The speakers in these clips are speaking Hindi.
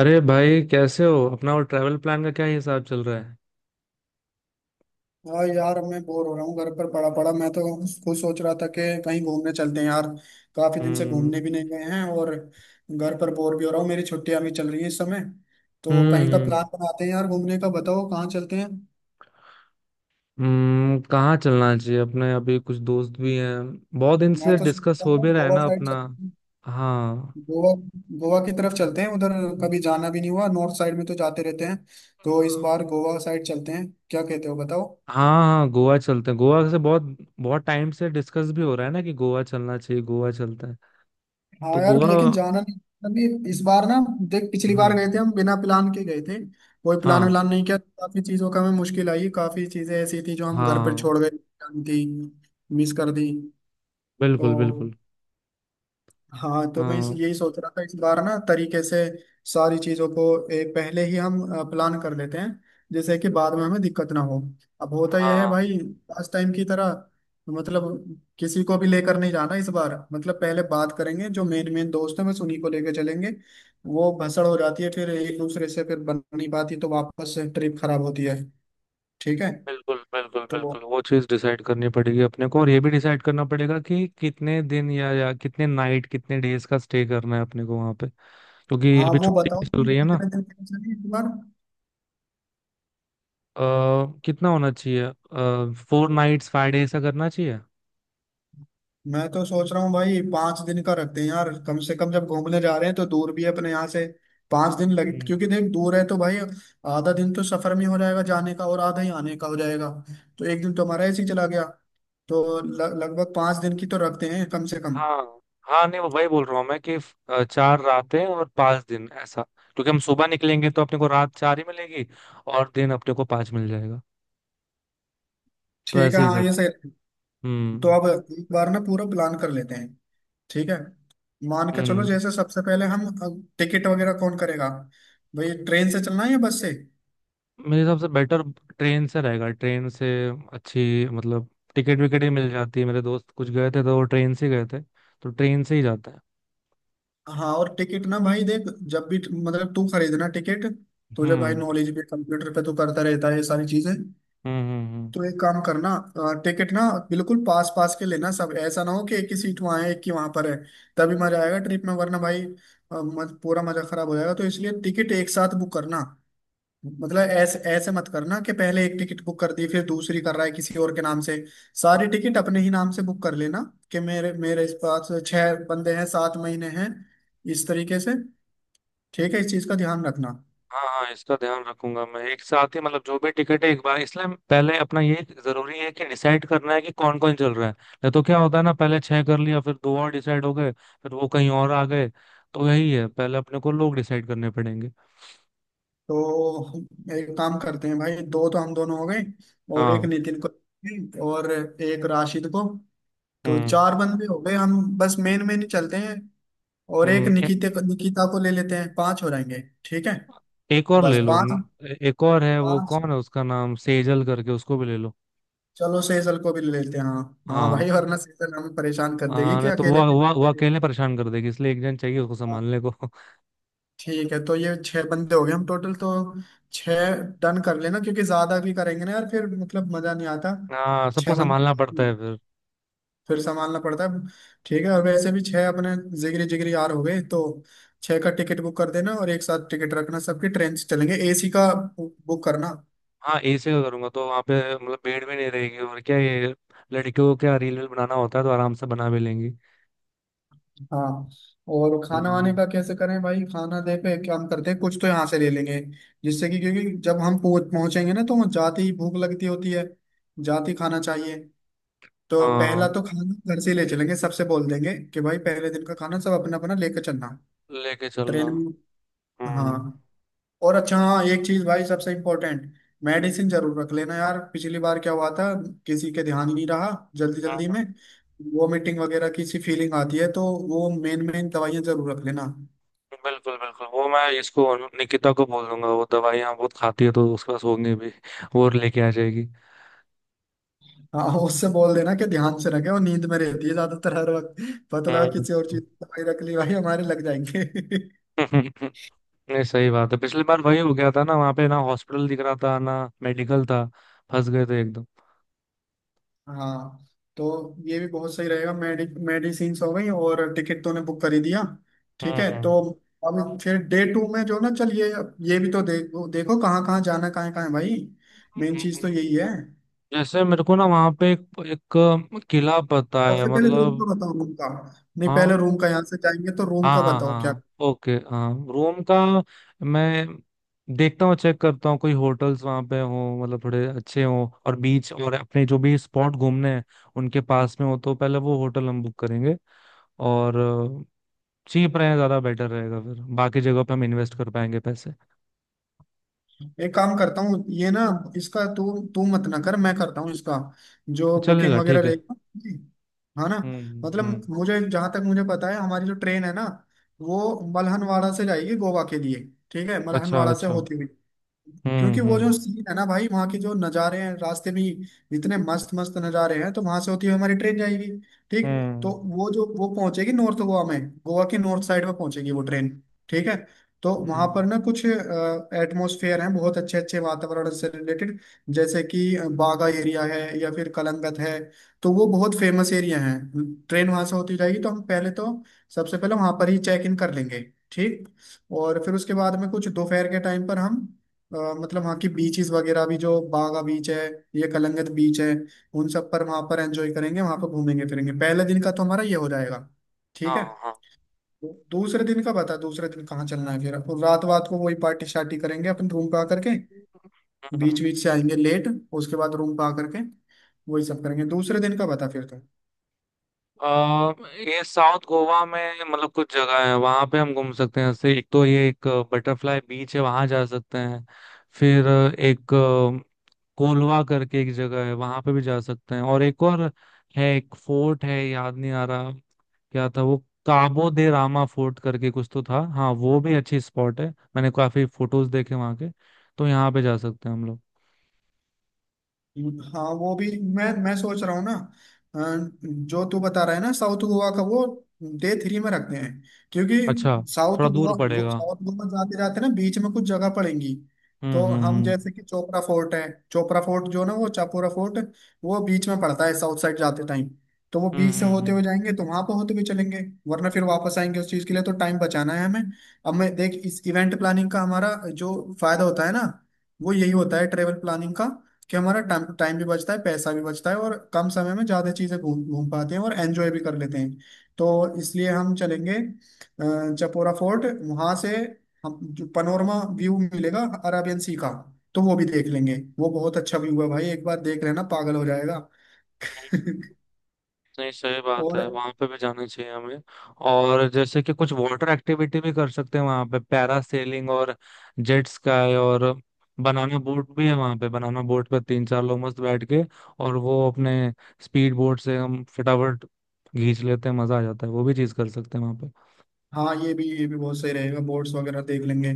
अरे भाई, कैसे हो? अपना वो ट्रैवल प्लान का क्या हिसाब चल रहा है? हाँ यार मैं बोर हो रहा हूँ घर पर पड़ा पड़ा, मैं तो खुद सोच रहा था कि कहीं घूमने चलते हैं यार। काफी दिन से घूमने हम्म भी नहीं गए हैं और घर पर बोर भी हो रहा हूँ। मेरी छुट्टियां भी चल रही है इस समय, तो हम्म कहीं का हम्म प्लान बनाते हैं यार घूमने का। बताओ कहाँ चलते हैं। कहाँ चलना चाहिए अपने? अभी कुछ दोस्त भी हैं, बहुत दिन मैं से तो सोच डिस्कस रहा हो था भी रहा है गोवा ना साइड अपना। चलते हैं। हाँ, गोवा। गोवा की तरफ चलते हैं उधर, कभी जाना भी नहीं हुआ। नॉर्थ साइड में तो जाते रहते हैं, हाँ, तो इस बार गोवा साइड चलते हैं, क्या कहते हो बताओ। हाँ, गोवा चलते हैं। गोवा से बहुत बहुत टाइम से डिस्कस भी हो रहा है ना कि गोवा चलना चाहिए। गोवा चलते हैं। हाँ तो यार, गोवा। लेकिन जाना नहीं अभी इस बार ना। देख, पिछली बार हम्म। गए थे, हम बिना प्लान के गए थे। कोई प्लान हाँ, व्लान नहीं किया, काफी चीजों का हमें मुश्किल आई। काफी चीजें ऐसी थी जो हम घर हाँ, पर हाँ, छोड़ गए थी, मिस कर दी। बिल्कुल, तो बिल्कुल। हाँ, तो मैं इस हाँ, यही सोच रहा था, इस बार ना तरीके से सारी चीजों को एक पहले ही हम प्लान कर लेते हैं, जैसे कि बाद में हमें दिक्कत ना हो। अब होता यह है हाँ। भाई, लास्ट टाइम की तरह मतलब किसी को भी लेकर नहीं जाना इस बार। मतलब पहले बात करेंगे, जो मेन मेन दोस्त हैं बस उन्हीं को लेकर चलेंगे। वो भसड़ हो जाती है, फिर एक दूसरे से फिर बन नहीं पाती तो वापस ट्रिप खराब होती है। ठीक है। बिल्कुल, बिल्कुल, तो बिल्कुल, वो चीज डिसाइड करनी पड़ेगी अपने को, और ये भी डिसाइड करना पड़ेगा कि कितने दिन या कितने नाइट, कितने डेज का स्टे करना है अपने को वहां पे। क्योंकि हाँ, अभी वो छुट्टी बताओ भी चल कि रही है ना। कितने दिन के लिए चलें इस बार। आ, कितना होना चाहिए? 4 नाइट्स 5 डेज का करना चाहिए। मैं तो सोच रहा हूँ भाई, 5 दिन का रखते हैं यार कम से कम। जब घूमने जा रहे हैं तो दूर भी है अपने यहाँ से, 5 दिन लगे हम्म। क्योंकि देख दूर है तो भाई। आधा दिन तो सफर में हो जाएगा जाने का, और आधा ही आने का हो जाएगा, तो एक दिन तो हमारा ऐसे ही चला गया। तो लगभग 5 दिन की तो रखते हैं कम से कम। हाँ, हाँ, नहीं वो वही बोल रहा हूँ मैं कि 4 रातें और 5 दिन ऐसा, क्योंकि हम सुबह निकलेंगे तो अपने को रात 4 ही मिलेगी और दिन अपने को 5 मिल जाएगा। तो ठीक है, ऐसे ही हाँ कर। ये सही रहेगा। तो हम्म। अब एक बार ना पूरा प्लान कर लेते हैं। ठीक है। मान के चलो हम्म। जैसे सबसे पहले हम, टिकट वगैरह कौन करेगा, भाई ट्रेन से चलना है या बस से। मेरे हिसाब से बेटर ट्रेन से रहेगा, ट्रेन से अच्छी। मतलब टिकट विकेट ही मिल जाती है, मेरे दोस्त कुछ गए थे तो वो ट्रेन से ही गए थे, तो ट्रेन से ही जाता है। हाँ, और टिकट ना भाई, देख जब भी मतलब तू खरीदना टिकट, तुझे भाई हम्म। नॉलेज भी, कंप्यूटर पे तू करता रहता है ये सारी चीजें। हम्म। हम्म। हम्म। तो एक काम करना, टिकट ना बिल्कुल पास पास के लेना सब। ऐसा ना हो कि एक ही सीट वहाँ है, एक ही वहाँ पर है। तभी मजा आएगा ट्रिप में, वरना भाई पूरा मजा खराब हो जाएगा, तो इसलिए टिकट एक साथ बुक करना। मतलब ऐसे ऐसे मत करना कि पहले एक टिकट बुक कर दी, फिर दूसरी कर रहा है किसी और के नाम से। सारी टिकट अपने ही नाम से बुक कर लेना, कि मेरे मेरे इस पास 6 बंदे हैं, 7 महीने हैं, इस तरीके से। ठीक है, इस चीज का ध्यान रखना। हाँ, हाँ, इसका ध्यान रखूंगा मैं, एक साथ ही, मतलब जो भी टिकट है एक बार। इसलिए पहले अपना ये जरूरी है कि डिसाइड करना है कि कौन कौन चल रहा है। नहीं तो क्या होता है ना, पहले 6 कर लिया, फिर 2 और डिसाइड हो गए, फिर वो कहीं और आ गए। तो यही है, पहले अपने को लोग डिसाइड करने पड़ेंगे। तो हम एक काम करते हैं भाई, दो तो हम दोनों हो गए, और एक हाँ। नितिन को और एक राशिद को। तो हम्म। 4 बंदे हो गए हम, बस मेन मेन ही चलते हैं। और एक हम्म। निकिता को, निकिता को ले लेते हैं, पांच हो जाएंगे। ठीक है। एक और बस ले लो पांच। न- एक और है, वो पांच। कौन है, उसका नाम सेजल करके, उसको भी ले लो। चलो सेजल को भी ले लेते हैं, हाँ। हाँ हाँ। भाई वरना सेजल हमें परेशान कर देगी हाँ, कि नहीं तो अकेले वो अकेले वो वो चलेगी। अकेले परेशान कर देगी, इसलिए एक जन चाहिए उसको संभालने को। ठीक है, तो ये 6 बंदे हो गए हम टोटल तो। छह। डन कर लेना, क्योंकि ज्यादा भी करेंगे ना यार फिर मतलब मजा नहीं आता। हाँ, सबको छह संभालना बंदे पड़ता है फिर। फिर संभालना पड़ता है। ठीक है, और वैसे भी छह अपने जिगरी जिगरी यार हो गए, तो छह का टिकट बुक कर देना और एक साथ टिकट रखना सबकी, ट्रेन से चलेंगे, एसी का बुक करना। हाँ, एसी का करूंगा तो वहाँ पे मतलब भीड़ भी नहीं रहेगी, और क्या, ये लड़कियों को क्या रील वील बनाना होता है तो आराम से बना भी लेंगी। हाँ, और खाना वाने हम्म। का कैसे करें भाई। खाना देखे हम करते हैं, कुछ तो यहाँ से ले लेंगे, जिससे कि क्योंकि जब हम पहुंचेंगे ना तो वहाँ जाते ही भूख लगती होती है, जाते ही खाना चाहिए। तो पहला हाँ, तो खाना घर से ही ले चलेंगे, सबसे बोल देंगे कि भाई पहले दिन का खाना सब अपना अपना लेकर चलना, लेके चलना। ट्रेन में। हाँ, हम्म। और अच्छा हाँ, एक चीज भाई सबसे इम्पोर्टेंट, मेडिसिन जरूर रख लेना यार। पिछली बार क्या हुआ था, किसी के ध्यान ही नहीं रहा जल्दी हाँ, जल्दी में। वोमिटिंग वगैरह की सी फीलिंग आती है, तो वो मेन मेन दवाइयां जरूर रख लेना। बिल्कुल, बिल्कुल, वो मैं इसको निकिता को बोल दूंगा, वो दवाई यहाँ बहुत खाती है तो उसके पास होंगे भी, वो लेके आ जाएगी। हाँ, उससे बोल देना कि ध्यान से रखे, वो नींद में रहती है ज्यादातर हर वक्त। पता लगा हम्म। किसी और चीज की दवाई रख ली, भाई हमारे लग जाएंगे। हम्म, नहीं सही बात है, पिछली बार वही हो गया था ना, वहां पे ना हॉस्पिटल दिख रहा था ना, मेडिकल था, फंस गए थे एकदम। हाँ, तो ये भी बहुत सही रहेगा, मेडिसिन हो गई और टिकट तूने बुक कर ही दिया। ठीक हम्म। है। तो हम्म। अब फिर डे टू में जो ना चल, ये भी तो देखो देखो कहाँ कहाँ जाना, कहाँ कहाँ है भाई। मेन चीज तो हम्म। यही है, जैसे मेरे को ना वहां पे एक किला पता है सबसे पहले रूम का मतलब। बताओ, रूम का। नहीं, पहले हाँ, रूम का, यहाँ से जाएंगे तो रूम हाँ, का हाँ, बताओ क्या। हाँ, ओके, हाँ, रोम का मैं देखता हूँ, चेक करता हूँ कोई होटल्स वहां पे हो, मतलब थोड़े अच्छे हो और बीच और अपने जो भी स्पॉट घूमने हैं उनके पास में हो, तो पहले वो होटल हम बुक करेंगे। और चीप रहे ज्यादा बेटर रहेगा, फिर बाकी जगह पे हम इन्वेस्ट कर पाएंगे पैसे। एक काम करता हूँ ये ना, इसका तू तू मत ना कर, मैं करता हूँ इसका, तो जो बुकिंग चलेगा, वगैरह ठीक है। रहेगी। हाँ ना। हम्म। मतलब हम्म। मुझे जहां तक मुझे पता है, हमारी जो ट्रेन है ना, वो मलहनवाड़ा से जाएगी गोवा के लिए। ठीक है, अच्छा, मलहनवाड़ा से अच्छा। होती हुई, हम्म। क्योंकि वो जो हम्म। सीन है ना भाई, वहाँ के जो नज़ारे हैं रास्ते में ही, इतने मस्त मस्त नज़ारे हैं, तो वहां से होती हुई हमारी ट्रेन जाएगी। ठीक। तो हम्म। वो पहुंचेगी नॉर्थ गोवा में, गोवा की नॉर्थ साइड में पहुंचेगी वो ट्रेन। ठीक है। तो वहां हम्म। पर ना कुछ एटमॉस्फेयर हैं, बहुत अच्छे अच्छे वातावरण से रिलेटेड। जैसे कि बागा एरिया है या फिर कलंगत है, तो वो बहुत फेमस एरिया है। ट्रेन वहां से होती जाएगी तो हम पहले तो, सबसे पहले वहां पर ही चेक इन कर लेंगे। ठीक। और फिर उसके बाद में कुछ दोपहर के टाइम पर हम मतलब वहाँ की बीचेस वगैरह भी, जो बागा बीच है, ये कलंगत बीच है, उन सब पर वहाँ पर एंजॉय करेंगे, वहाँ पर घूमेंगे फिरेंगे। पहले दिन का तो हमारा ये हो जाएगा। ठीक हाँ, है। हाँ। दूसरे दिन का बता, दूसरे दिन कहाँ चलना है फिर, और रात वात को वही पार्टी शार्टी करेंगे अपन रूम पे आकर के। हम्म। बीच बीच से आएंगे लेट, उसके बाद रूम पे आकर के वही सब करेंगे। दूसरे दिन का बता फिर। अ, ये साउथ गोवा में मतलब कुछ जगह है, वहां पे हम घूम सकते हैं, जैसे एक तो ये एक बटरफ्लाई बीच है, वहां जा सकते हैं। फिर एक कोलवा करके एक जगह है, वहां पे भी जा सकते हैं। और एक और है, एक फोर्ट है, याद नहीं आ रहा क्या था वो, काबो दे रामा फोर्ट करके कुछ तो था, हाँ वो भी अच्छी स्पॉट है, मैंने काफी फोटोज देखे वहां के, तो यहाँ पे जा सकते हैं हम लोग। हाँ वो भी, मैं सोच रहा हूँ ना अ, जो तू बता रहा है ना साउथ गोवा का, वो डे थ्री में रखते हैं। क्योंकि अच्छा, थोड़ा दूर पड़ेगा। साउथ गोवा जाते जाते ना बीच में कुछ जगह पड़ेंगी। हम्म। तो हम हम्म। जैसे कि चोपरा फोर्ट है, चोपरा फोर्ट जो ना वो चापोरा फोर्ट, वो बीच में पड़ता है साउथ साइड जाते टाइम। तो वो हम्म। बीच हम्म। से हम्म। होते हम्म। हुए जाएंगे, तो वहां पर होते हुए चलेंगे। वरना फिर वापस आएंगे उस चीज के लिए, तो टाइम बचाना है हमें। अब मैं देख, इस इवेंट प्लानिंग का हमारा जो फायदा होता है ना, वो यही होता है ट्रेवल प्लानिंग का, कि हमारा टाइम टाइम भी बचता है, पैसा भी बचता है, और कम समय में ज्यादा चीजें घूम घूम पाते हैं और एंजॉय भी कर लेते हैं। तो इसलिए हम चलेंगे चपोरा फोर्ट। वहां से हम जो पनोरमा व्यू मिलेगा अराबियन सी का, तो वो भी देख लेंगे। वो बहुत अच्छा व्यू है भाई, एक बार देख लेना पागल हो जाएगा। हम्म। नहीं सही बात है, और वहां पे भी जाना चाहिए हमें। और जैसे कि कुछ वाटर एक्टिविटी भी कर सकते हैं वहां पे, पैरा सेलिंग और जेट स्काई और बनाना बोट भी है वहां पे। बनाना बोट पे 3-4 लोग मस्त बैठ के, और वो अपने स्पीड बोट से हम फटाफट खींच लेते हैं, मजा आ जाता है, वो भी चीज कर सकते हैं वहां पे। हाँ, ये भी बहुत सही रहेगा, बोट्स वगैरह देख लेंगे।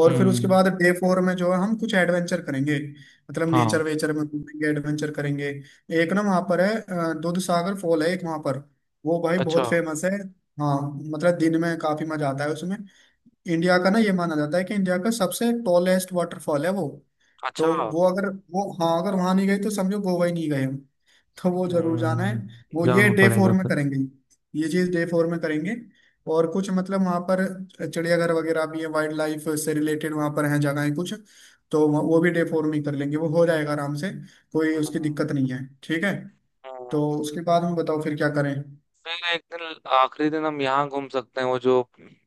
और फिर उसके हम्म। बाद डे फोर में जो है हम कुछ एडवेंचर करेंगे। मतलब हाँ। नेचर वेचर में घूमेंगे, एडवेंचर करेंगे। एक ना वहाँ पर है दूध सागर फॉल है एक वहाँ पर, वो भाई अच्छा, बहुत फेमस है। हाँ, मतलब दिन में काफी मजा आता है उसमें। इंडिया का ना, ये माना जाता है कि इंडिया का सबसे टॉलेस्ट वाटरफॉल है वो। तो अच्छा। वो अगर वो हाँ, अगर वहाँ नहीं गए तो समझो गोवा ही नहीं गए हम, तो वो जरूर जाना है। हम्म। वो ये जाना डे फोर पड़ेगा में फिर। करेंगे, ये चीज डे फोर में करेंगे। और कुछ मतलब वहाँ पर चिड़ियाघर वगैरह भी है, वाइल्ड लाइफ से रिलेटेड वहाँ पर हैं जगहें कुछ। तो वो भी डे फोर में ही कर लेंगे, वो हो जाएगा आराम से, कोई हम्म। उसकी दिक्कत नहीं है। ठीक है। हम्म। तो उसके बाद में बताओ फिर क्या करें। फिर एक दिन, आखिरी दिन हम यहाँ घूम सकते हैं, वो जो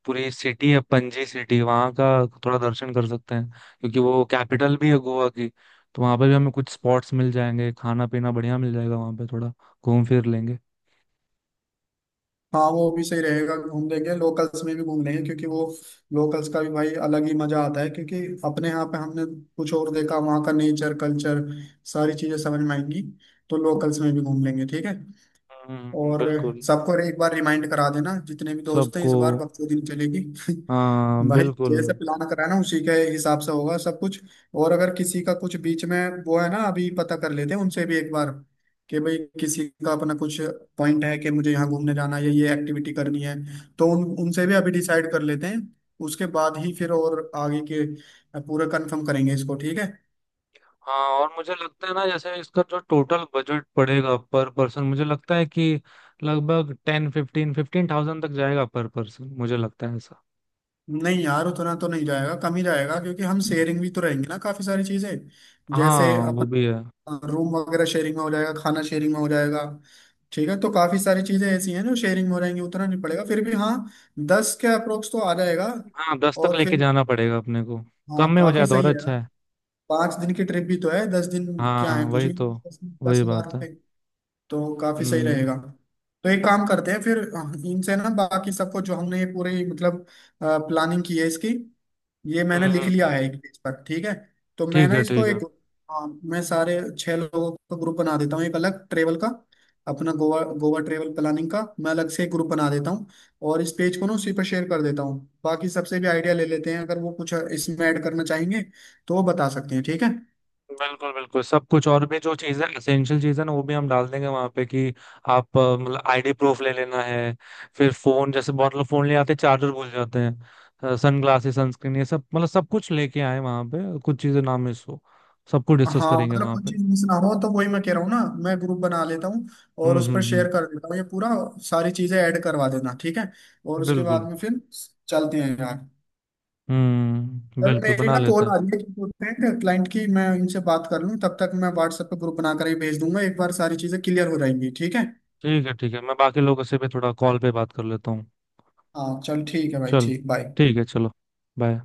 पूरी सिटी है पणजी सिटी, वहाँ का थोड़ा दर्शन कर सकते हैं, क्योंकि वो कैपिटल भी है गोवा की, तो वहाँ पे भी हमें कुछ स्पॉट्स मिल जाएंगे, खाना पीना बढ़िया मिल जाएगा वहाँ पे, थोड़ा घूम फिर लेंगे। हाँ वो भी सही रहेगा, घूम लेंगे लोकल्स में भी घूम लेंगे, क्योंकि वो लोकल्स का भी भाई अलग ही मजा आता है, क्योंकि अपने यहाँ पे हमने कुछ और देखा, वहाँ का नेचर कल्चर सारी चीजें समझ में आएंगी। तो लोकल्स में भी घूम लेंगे। ठीक है। हम्म, और बिल्कुल। सबको एक बार रिमाइंड करा देना, जितने भी दोस्त हैं, सबको। इस बार बखूबी चलेगी। हाँ, भाई बिल्कुल। जैसे प्लान करा ना, उसी के हिसाब से होगा सब कुछ। और अगर किसी का कुछ बीच में वो है ना, अभी पता कर लेते हैं उनसे भी एक बार, कि भाई किसी का अपना कुछ पॉइंट है कि मुझे यहाँ घूमने जाना है या ये एक्टिविटी करनी है, तो उन उनसे भी अभी डिसाइड कर लेते हैं। उसके बाद ही फिर और आगे के पूरा कंफर्म करेंगे इसको। ठीक है। हाँ, और मुझे लगता है ना, जैसे इसका जो टोटल बजट पड़ेगा पर पर्सन, मुझे लगता है कि लगभग 10 फिफ्टीन फिफ्टीन थाउजेंड तक जाएगा पर पर्सन, मुझे लगता है ऐसा। नहीं यार, उतना तो नहीं जाएगा, कम ही जाएगा क्योंकि हम शेयरिंग भी तो रहेंगे ना काफी सारी चीजें। जैसे हाँ, वो भी अपन है। रूम वगैरह शेयरिंग में हो जाएगा, खाना शेयरिंग में हो जाएगा। ठीक है, तो काफी सारी चीजें ऐसी हैं जो शेयरिंग में हो जाएंगी, उतना नहीं पड़ेगा, फिर भी हाँ दस के अप्रोक्स तो आ जाएगा। हाँ, 10 तक और लेके फिर जाना पड़ेगा अपने को, कम हाँ, में हो काफी जाए तो और सही है यार। अच्छा है। 5 दिन की ट्रिप भी तो है, 10 दिन हाँ, क्या है, कुछ वही भी। तो। दस। दस वही हजार बात है। रुपये तो काफी सही हम्म। रहेगा। तो एक काम करते हैं फिर, इनसे ना बाकी सबको जो हमने ये पूरी मतलब प्लानिंग की है इसकी, ये मैंने हम्म। लिख हम्म। लिया हम्म। है एक पेज पर। ठीक है। तो मैं ठीक ना है, इसको ठीक एक, है। हाँ, मैं सारे 6 लोगों का ग्रुप बना देता हूँ एक अलग ट्रेवल का। अपना गोवा गोवा ट्रेवल प्लानिंग का मैं अलग से एक ग्रुप बना देता हूँ, और इस पेज को ना उसी पर शेयर कर देता हूँ। बाकी सबसे भी आइडिया ले लेते हैं, अगर वो कुछ इसमें ऐड करना चाहेंगे तो वो बता सकते हैं। ठीक है। बिल्कुल, बिल्कुल, सब कुछ, और भी जो चीजें एसेंशियल चीजें ना वो भी हम डाल देंगे वहां पे, कि आप मतलब आईडी प्रूफ ले लेना है, फिर फोन, जैसे बहुत लोग फोन ले आते हैं चार्जर भूल जाते हैं, सन ग्लासेस, सनस्क्रीन, ये सब, मतलब सब कुछ लेके आए, वहां पे कुछ चीजें ना मिस हो, सब कुछ डिस्कस हाँ, करेंगे मतलब वहां कोई पे। चीज मिस ना हो तो वही मैं कह रहा हूँ ना, मैं ग्रुप बना लेता हूँ और हम्म। उस हम्म। पर हम्म। शेयर कर देता हूँ ये पूरा। सारी चीजें ऐड करवा देना। ठीक है, और उसके बाद बिल्कुल। में फिर चलते हैं यार। हम्म, सर, बिल्कुल मेरी बना ना लेते कॉल हैं। आ रही है इंपॉर्टेंट क्लाइंट की, मैं इनसे बात कर लूँ, तब तक मैं व्हाट्सएप पे ग्रुप बनाकर ही भेज दूंगा, एक बार सारी चीज़ें क्लियर हो जाएंगी। ठीक है। ठीक है, ठीक है, मैं बाकी लोगों से भी थोड़ा कॉल पे बात कर लेता हूँ। हाँ चल, ठीक है भाई, चल, ठीक, बाय। ठीक है, चलो। बाय।